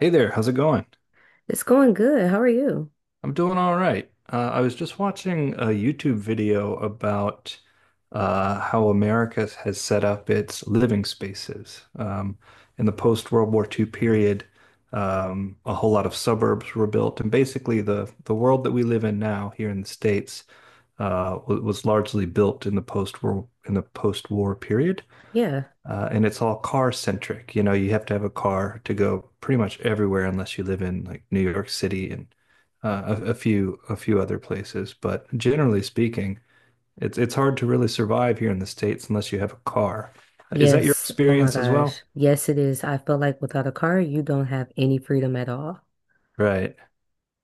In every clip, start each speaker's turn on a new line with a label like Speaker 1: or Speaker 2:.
Speaker 1: Hey there, how's it going?
Speaker 2: It's going good. How are you?
Speaker 1: I'm doing all right. I was just watching a YouTube video about how America has set up its living spaces. In the post-World War II period, a whole lot of suburbs were built, and basically the world that we live in now here in the States was largely built in the post-war period.
Speaker 2: Yeah.
Speaker 1: And it's all car centric. You know, you have to have a car to go pretty much everywhere unless you live in like New York City and a few other places. But generally speaking, it's hard to really survive here in the States unless you have a car. Is that your
Speaker 2: Yes. Oh my
Speaker 1: experience as
Speaker 2: gosh.
Speaker 1: well?
Speaker 2: Yes, it is. I feel like without a car, you don't have any freedom at all.
Speaker 1: Right.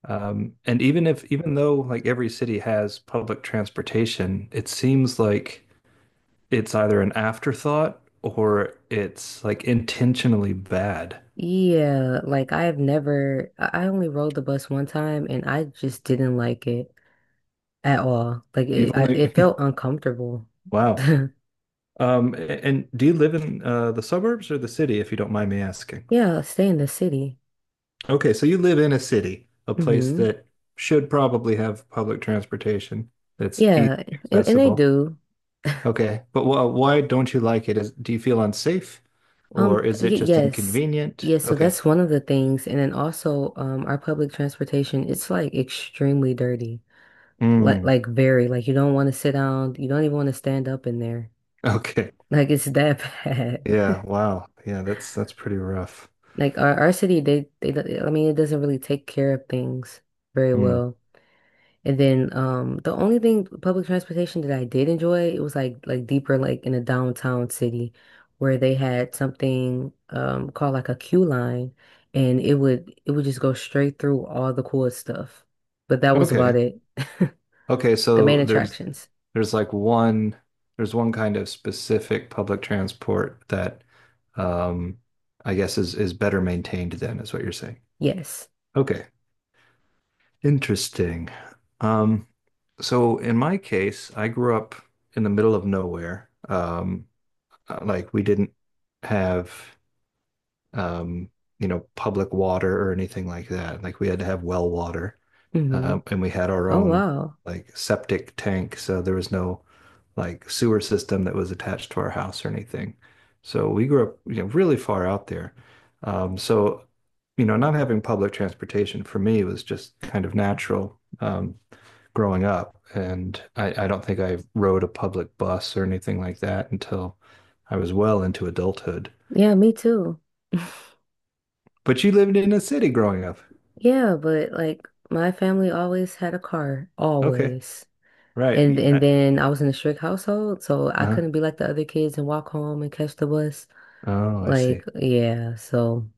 Speaker 1: And even if even though like every city has public transportation, it seems like it's either an afterthought or it's like intentionally bad.
Speaker 2: Yeah. Like I've never, I only rode the bus one time and I just didn't like it at all. Like
Speaker 1: You've
Speaker 2: it, I, it
Speaker 1: only
Speaker 2: felt uncomfortable.
Speaker 1: wow. Um, and do you live in the suburbs or the city, if you don't mind me asking?
Speaker 2: Yeah. Stay in the city.
Speaker 1: Okay, so you live in a city, a place
Speaker 2: Hmm.
Speaker 1: that should probably have public transportation that's easy
Speaker 2: Yeah.
Speaker 1: and
Speaker 2: And they
Speaker 1: accessible.
Speaker 2: do.
Speaker 1: Okay, but wh why don't you like it? Do you feel unsafe or is
Speaker 2: Y
Speaker 1: it just
Speaker 2: yes.
Speaker 1: inconvenient?
Speaker 2: Yes, so
Speaker 1: Okay.
Speaker 2: that's one of the things. And then also, our public transportation, it's like extremely dirty. Like
Speaker 1: Mm,
Speaker 2: like very, like you don't want to sit down, you don't even want to stand up in there.
Speaker 1: okay.
Speaker 2: Like it's that bad.
Speaker 1: Yeah, wow. Yeah, that's pretty rough.
Speaker 2: Like our city, I mean it doesn't really take care of things very
Speaker 1: Hmm.
Speaker 2: well. And then the only thing public transportation that I did enjoy, it was like deeper, like in a downtown city where they had something called like a queue line and it would just go straight through all the cool stuff. But that was about
Speaker 1: Okay.
Speaker 2: it.
Speaker 1: Okay,
Speaker 2: The main
Speaker 1: so
Speaker 2: attractions.
Speaker 1: there's like one there's one kind of specific public transport that um I guess is better maintained then is what you're saying.
Speaker 2: Yes.
Speaker 1: Okay, interesting. Um so in my case, I grew up in the middle of nowhere. Like we didn't have um, you know, public water or anything like that. Like we had to have well water,
Speaker 2: Hmm.
Speaker 1: and we had our
Speaker 2: Oh
Speaker 1: own
Speaker 2: wow.
Speaker 1: like septic tank, so there was no like sewer system that was attached to our house or anything. So we grew up, you know, really far out there. So, you know, not having public transportation for me was just kind of natural growing up, and I don't think I rode a public bus or anything like that until I was well into adulthood.
Speaker 2: Yeah, me too.
Speaker 1: But you lived in a city growing up.
Speaker 2: Yeah, but like my family always had a car,
Speaker 1: Okay.
Speaker 2: always.
Speaker 1: Right.
Speaker 2: And then I was in a strict household, so I
Speaker 1: Uh-huh.
Speaker 2: couldn't be like the other kids and walk home and catch the bus.
Speaker 1: Oh, I
Speaker 2: Like,
Speaker 1: see.
Speaker 2: yeah, so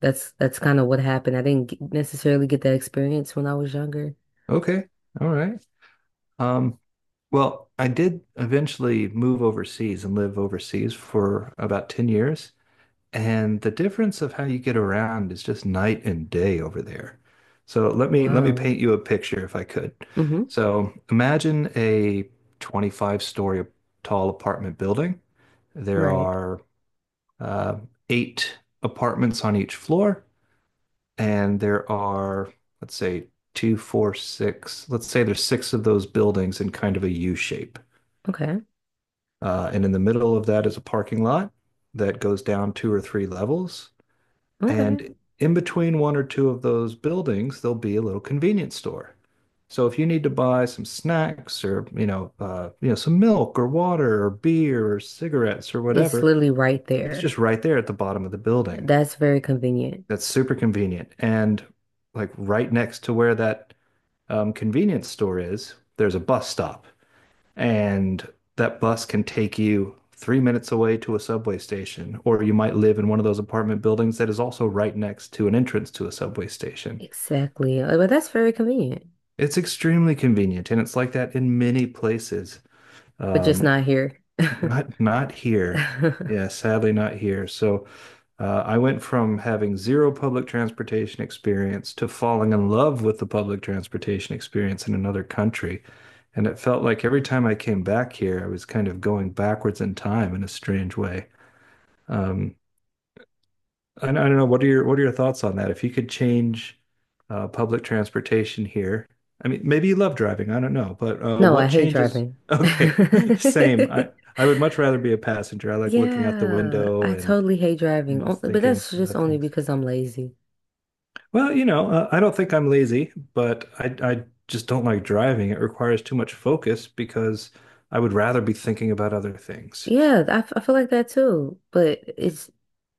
Speaker 2: that's kind of what happened. I didn't get- necessarily get that experience when I was younger.
Speaker 1: Okay. All right. Um, well, I did eventually move overseas and live overseas for about 10 years. And the difference of how you get around is just night and day over there. So let me
Speaker 2: Wow.
Speaker 1: paint you a picture if I could.
Speaker 2: Mm-hmm.
Speaker 1: So imagine a 25-story tall apartment building. There
Speaker 2: Right.
Speaker 1: are uh, eight apartments on each floor. And there are, let's say, two, four, six. Let's say there's six of those buildings in kind of a U shape.
Speaker 2: Okay.
Speaker 1: And in the middle of that is a parking lot that goes down two or three levels.
Speaker 2: Okay.
Speaker 1: And in between one or two of those buildings, there'll be a little convenience store. So if you need to buy some snacks or, you know, some milk or water or beer or cigarettes or
Speaker 2: It's
Speaker 1: whatever,
Speaker 2: literally right
Speaker 1: it's
Speaker 2: there.
Speaker 1: just right there at the bottom of the building.
Speaker 2: That's very convenient.
Speaker 1: That's super convenient. And like right next to where that convenience store is, there's a bus stop, and that bus can take you 3 minutes away to a subway station, or you might live in one of those apartment buildings that is also right next to an entrance to a subway station.
Speaker 2: Exactly. But that's very convenient.
Speaker 1: It's extremely convenient, and it's like that in many places.
Speaker 2: But just
Speaker 1: Um,
Speaker 2: not here.
Speaker 1: Not not here. Yeah, sadly not here. So I went from having zero public transportation experience to falling in love with the public transportation experience in another country. And it felt like every time I came back here, I was kind of going backwards in time in a strange way. Um, I don't know. What are your thoughts on that? If you could change public transportation here, I mean, maybe you love driving. I don't know, but
Speaker 2: No, I
Speaker 1: what
Speaker 2: hate
Speaker 1: changes?
Speaker 2: driving.
Speaker 1: Okay, same. I would much rather be a passenger. I like looking out the
Speaker 2: Yeah,
Speaker 1: window
Speaker 2: I totally hate
Speaker 1: and
Speaker 2: driving, O-
Speaker 1: just
Speaker 2: but
Speaker 1: thinking
Speaker 2: that's just
Speaker 1: about
Speaker 2: only
Speaker 1: things.
Speaker 2: because I'm lazy.
Speaker 1: Well, you know, I don't think I'm lazy, but I just don't like driving. It requires too much focus because I would rather be thinking about other things.
Speaker 2: Yeah, I feel like that too, but it's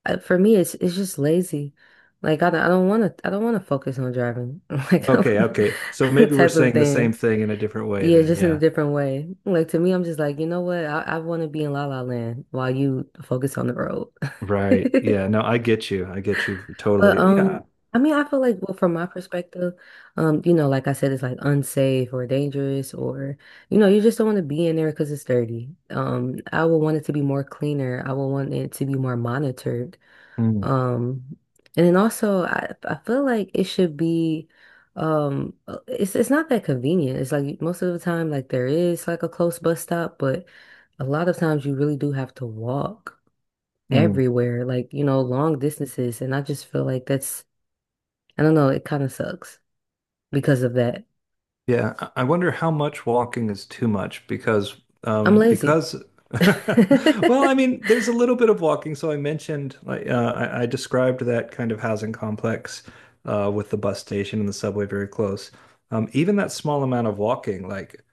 Speaker 2: for me it's just lazy. Like I don't want to focus on driving. Like
Speaker 1: Okay, okay. So maybe we're
Speaker 2: type of
Speaker 1: saying the
Speaker 2: thing.
Speaker 1: same thing in a different way
Speaker 2: Yeah,
Speaker 1: then.
Speaker 2: just in a
Speaker 1: Yeah.
Speaker 2: different way. Like to me I'm just like, you know what? I want to be in La La Land while you focus on the road.
Speaker 1: Right. Yeah. No, I get you. I get you
Speaker 2: But
Speaker 1: totally. Yeah.
Speaker 2: I mean, I feel like, well, from my perspective, you know, like I said, it's like unsafe or dangerous, or you know, you just don't want to be in there because it's dirty. I would want it to be more cleaner. I would want it to be more monitored.
Speaker 1: Mm,
Speaker 2: Um, and then also, I feel like it should be, it's not that convenient. It's like most of the time, like there is like a close bus stop, but a lot of times you really do have to walk
Speaker 1: mm.
Speaker 2: everywhere, like you know, long distances, and I just feel like that's I don't know, it kind of sucks because of that.
Speaker 1: Yeah. I wonder how much walking is too much because,
Speaker 2: I'm
Speaker 1: um,
Speaker 2: lazy.
Speaker 1: because, well, I mean, there's a little bit of walking. So I mentioned, like, I described that kind of housing complex, with the bus station and the subway very close. Even that small amount of walking, like,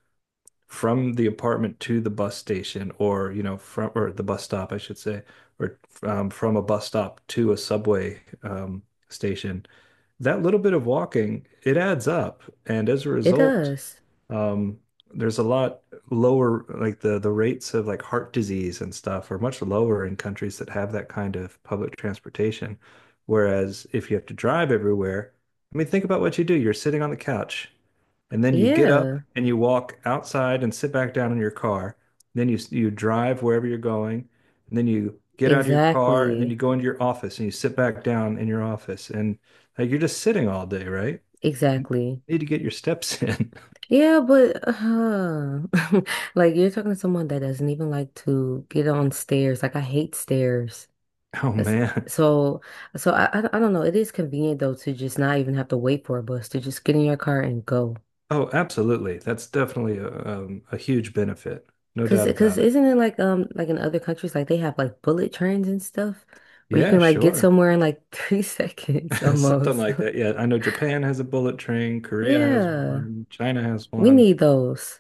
Speaker 1: from the apartment to the bus station or you know from or the bus stop I should say or from a bus stop to a subway station, that little bit of walking it adds up, and as a
Speaker 2: It
Speaker 1: result
Speaker 2: does.
Speaker 1: um, there's a lot lower, like the rates of like heart disease and stuff are much lower in countries that have that kind of public transportation, whereas if you have to drive everywhere, I mean think about what you do. You're sitting on the couch, and then you get
Speaker 2: Yeah,
Speaker 1: up and you walk outside and sit back down in your car. Then you drive wherever you're going, and then you get out of your car and then
Speaker 2: exactly.
Speaker 1: you go into your office and you sit back down in your office, and like you're just sitting all day, right? You
Speaker 2: Exactly.
Speaker 1: need to get your steps in.
Speaker 2: Yeah, but like you're talking to someone that doesn't even like to get on stairs. Like I hate stairs.
Speaker 1: Oh
Speaker 2: That's,
Speaker 1: man.
Speaker 2: so so I don't know. It is convenient though to just not even have to wait for a bus to just get in your car and go.
Speaker 1: Oh, absolutely. That's definitely a huge benefit. No
Speaker 2: Cause,
Speaker 1: doubt
Speaker 2: cause
Speaker 1: about it.
Speaker 2: isn't it like in other countries like they have like bullet trains and stuff where you
Speaker 1: Yeah,
Speaker 2: can like get
Speaker 1: sure.
Speaker 2: somewhere in like 3 seconds
Speaker 1: Something
Speaker 2: almost.
Speaker 1: like that. Yeah, I know Japan has a bullet train, Korea has
Speaker 2: Yeah,
Speaker 1: one, China has
Speaker 2: we
Speaker 1: one.
Speaker 2: need those.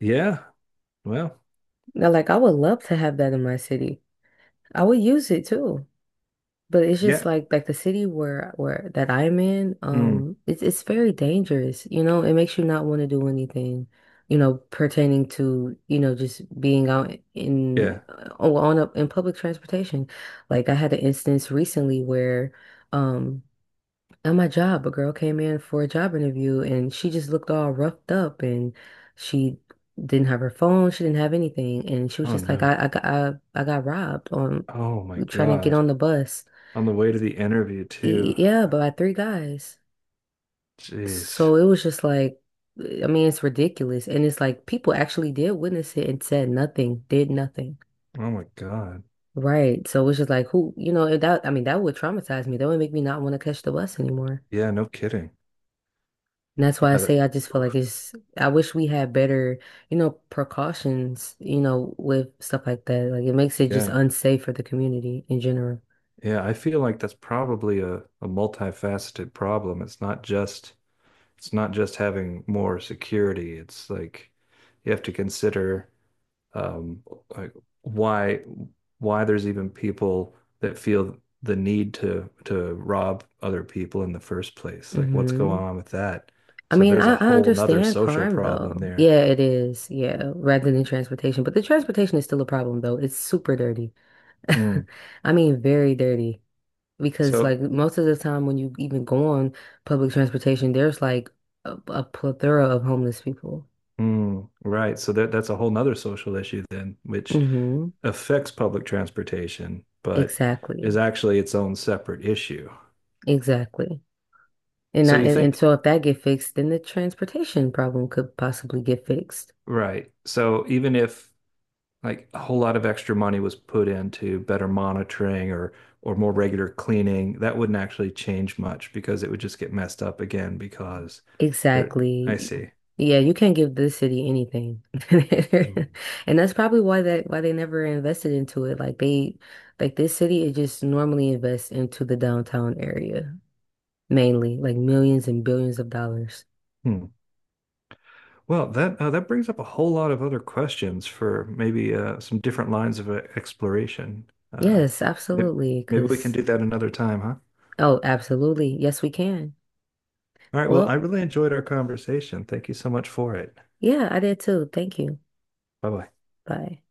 Speaker 1: Yeah. Well,
Speaker 2: Now, like I would love to have that in my city. I would use it too. But it's
Speaker 1: yeah.
Speaker 2: just like the city where that I'm in,
Speaker 1: Hmm.
Speaker 2: it's very dangerous. You know, it makes you not want to do anything, you know, pertaining to, you know, just being out in
Speaker 1: Yeah.
Speaker 2: on in public transportation. Like I had an instance recently where um at my job, a girl came in for a job interview and she just looked all roughed up and she didn't have her phone, she didn't have anything, and she was
Speaker 1: Oh
Speaker 2: just like,
Speaker 1: no.
Speaker 2: I got robbed on
Speaker 1: Oh my
Speaker 2: trying to get
Speaker 1: God.
Speaker 2: on the bus.
Speaker 1: On the way to the interview too.
Speaker 2: Yeah, by three guys.
Speaker 1: Jeez.
Speaker 2: So it was just like, I mean, it's ridiculous. And it's like people actually did witness it and said nothing, did nothing.
Speaker 1: Oh my God.
Speaker 2: Right. So it was just like, who, you know, and that, I mean, that would traumatize me. That would make me not want to catch the bus anymore.
Speaker 1: Yeah, no kidding.
Speaker 2: And that's why I
Speaker 1: Yeah, that,
Speaker 2: say I just feel like
Speaker 1: oof.
Speaker 2: it's, I wish we had better, you know, precautions, you know, with stuff like that. Like it makes it just
Speaker 1: Yeah.
Speaker 2: unsafe for the community in general.
Speaker 1: Yeah, I feel like that's probably a multifaceted problem. It's not just having more security. It's like you have to consider um, like why there's even people that feel the need to rob other people in the first place. Like what's going
Speaker 2: Hmm.
Speaker 1: on with that? So there's a
Speaker 2: I
Speaker 1: whole nother
Speaker 2: understand
Speaker 1: social
Speaker 2: crime
Speaker 1: problem
Speaker 2: though.
Speaker 1: there.
Speaker 2: Yeah, it is. Yeah, rather than transportation. But the transportation is still a problem though. It's super dirty.
Speaker 1: Mm.
Speaker 2: I mean, very dirty. Because like
Speaker 1: So
Speaker 2: most of the time when you even go on public transportation, there's like a plethora of homeless people.
Speaker 1: mm, right. So that's a whole nother social issue then, which
Speaker 2: Hmm.
Speaker 1: affects public transportation, but
Speaker 2: Exactly.
Speaker 1: is actually its own separate issue.
Speaker 2: Exactly.
Speaker 1: So you
Speaker 2: And
Speaker 1: think,
Speaker 2: so if that get fixed, then the transportation problem could possibly get fixed.
Speaker 1: right. So even if like a whole lot of extra money was put into better monitoring or more regular cleaning, that wouldn't actually change much because it would just get messed up again because there, I
Speaker 2: Exactly.
Speaker 1: see.
Speaker 2: Yeah, you can't give this city anything.
Speaker 1: Hmm.
Speaker 2: And that's probably why they never invested into it. Like they like this city it just normally invests into the downtown area mainly, like millions and billions of dollars.
Speaker 1: Hmm. Well, that that brings up a whole lot of other questions for maybe some different lines of exploration.
Speaker 2: Yes,
Speaker 1: Maybe,
Speaker 2: absolutely.
Speaker 1: maybe we can
Speaker 2: 'Cause
Speaker 1: do that another time, huh?
Speaker 2: oh, absolutely. Yes, we can.
Speaker 1: All right. Well, I
Speaker 2: Well,
Speaker 1: really enjoyed our conversation. Thank you so much for it.
Speaker 2: yeah, I did too. Thank you.
Speaker 1: Bye bye.
Speaker 2: Bye.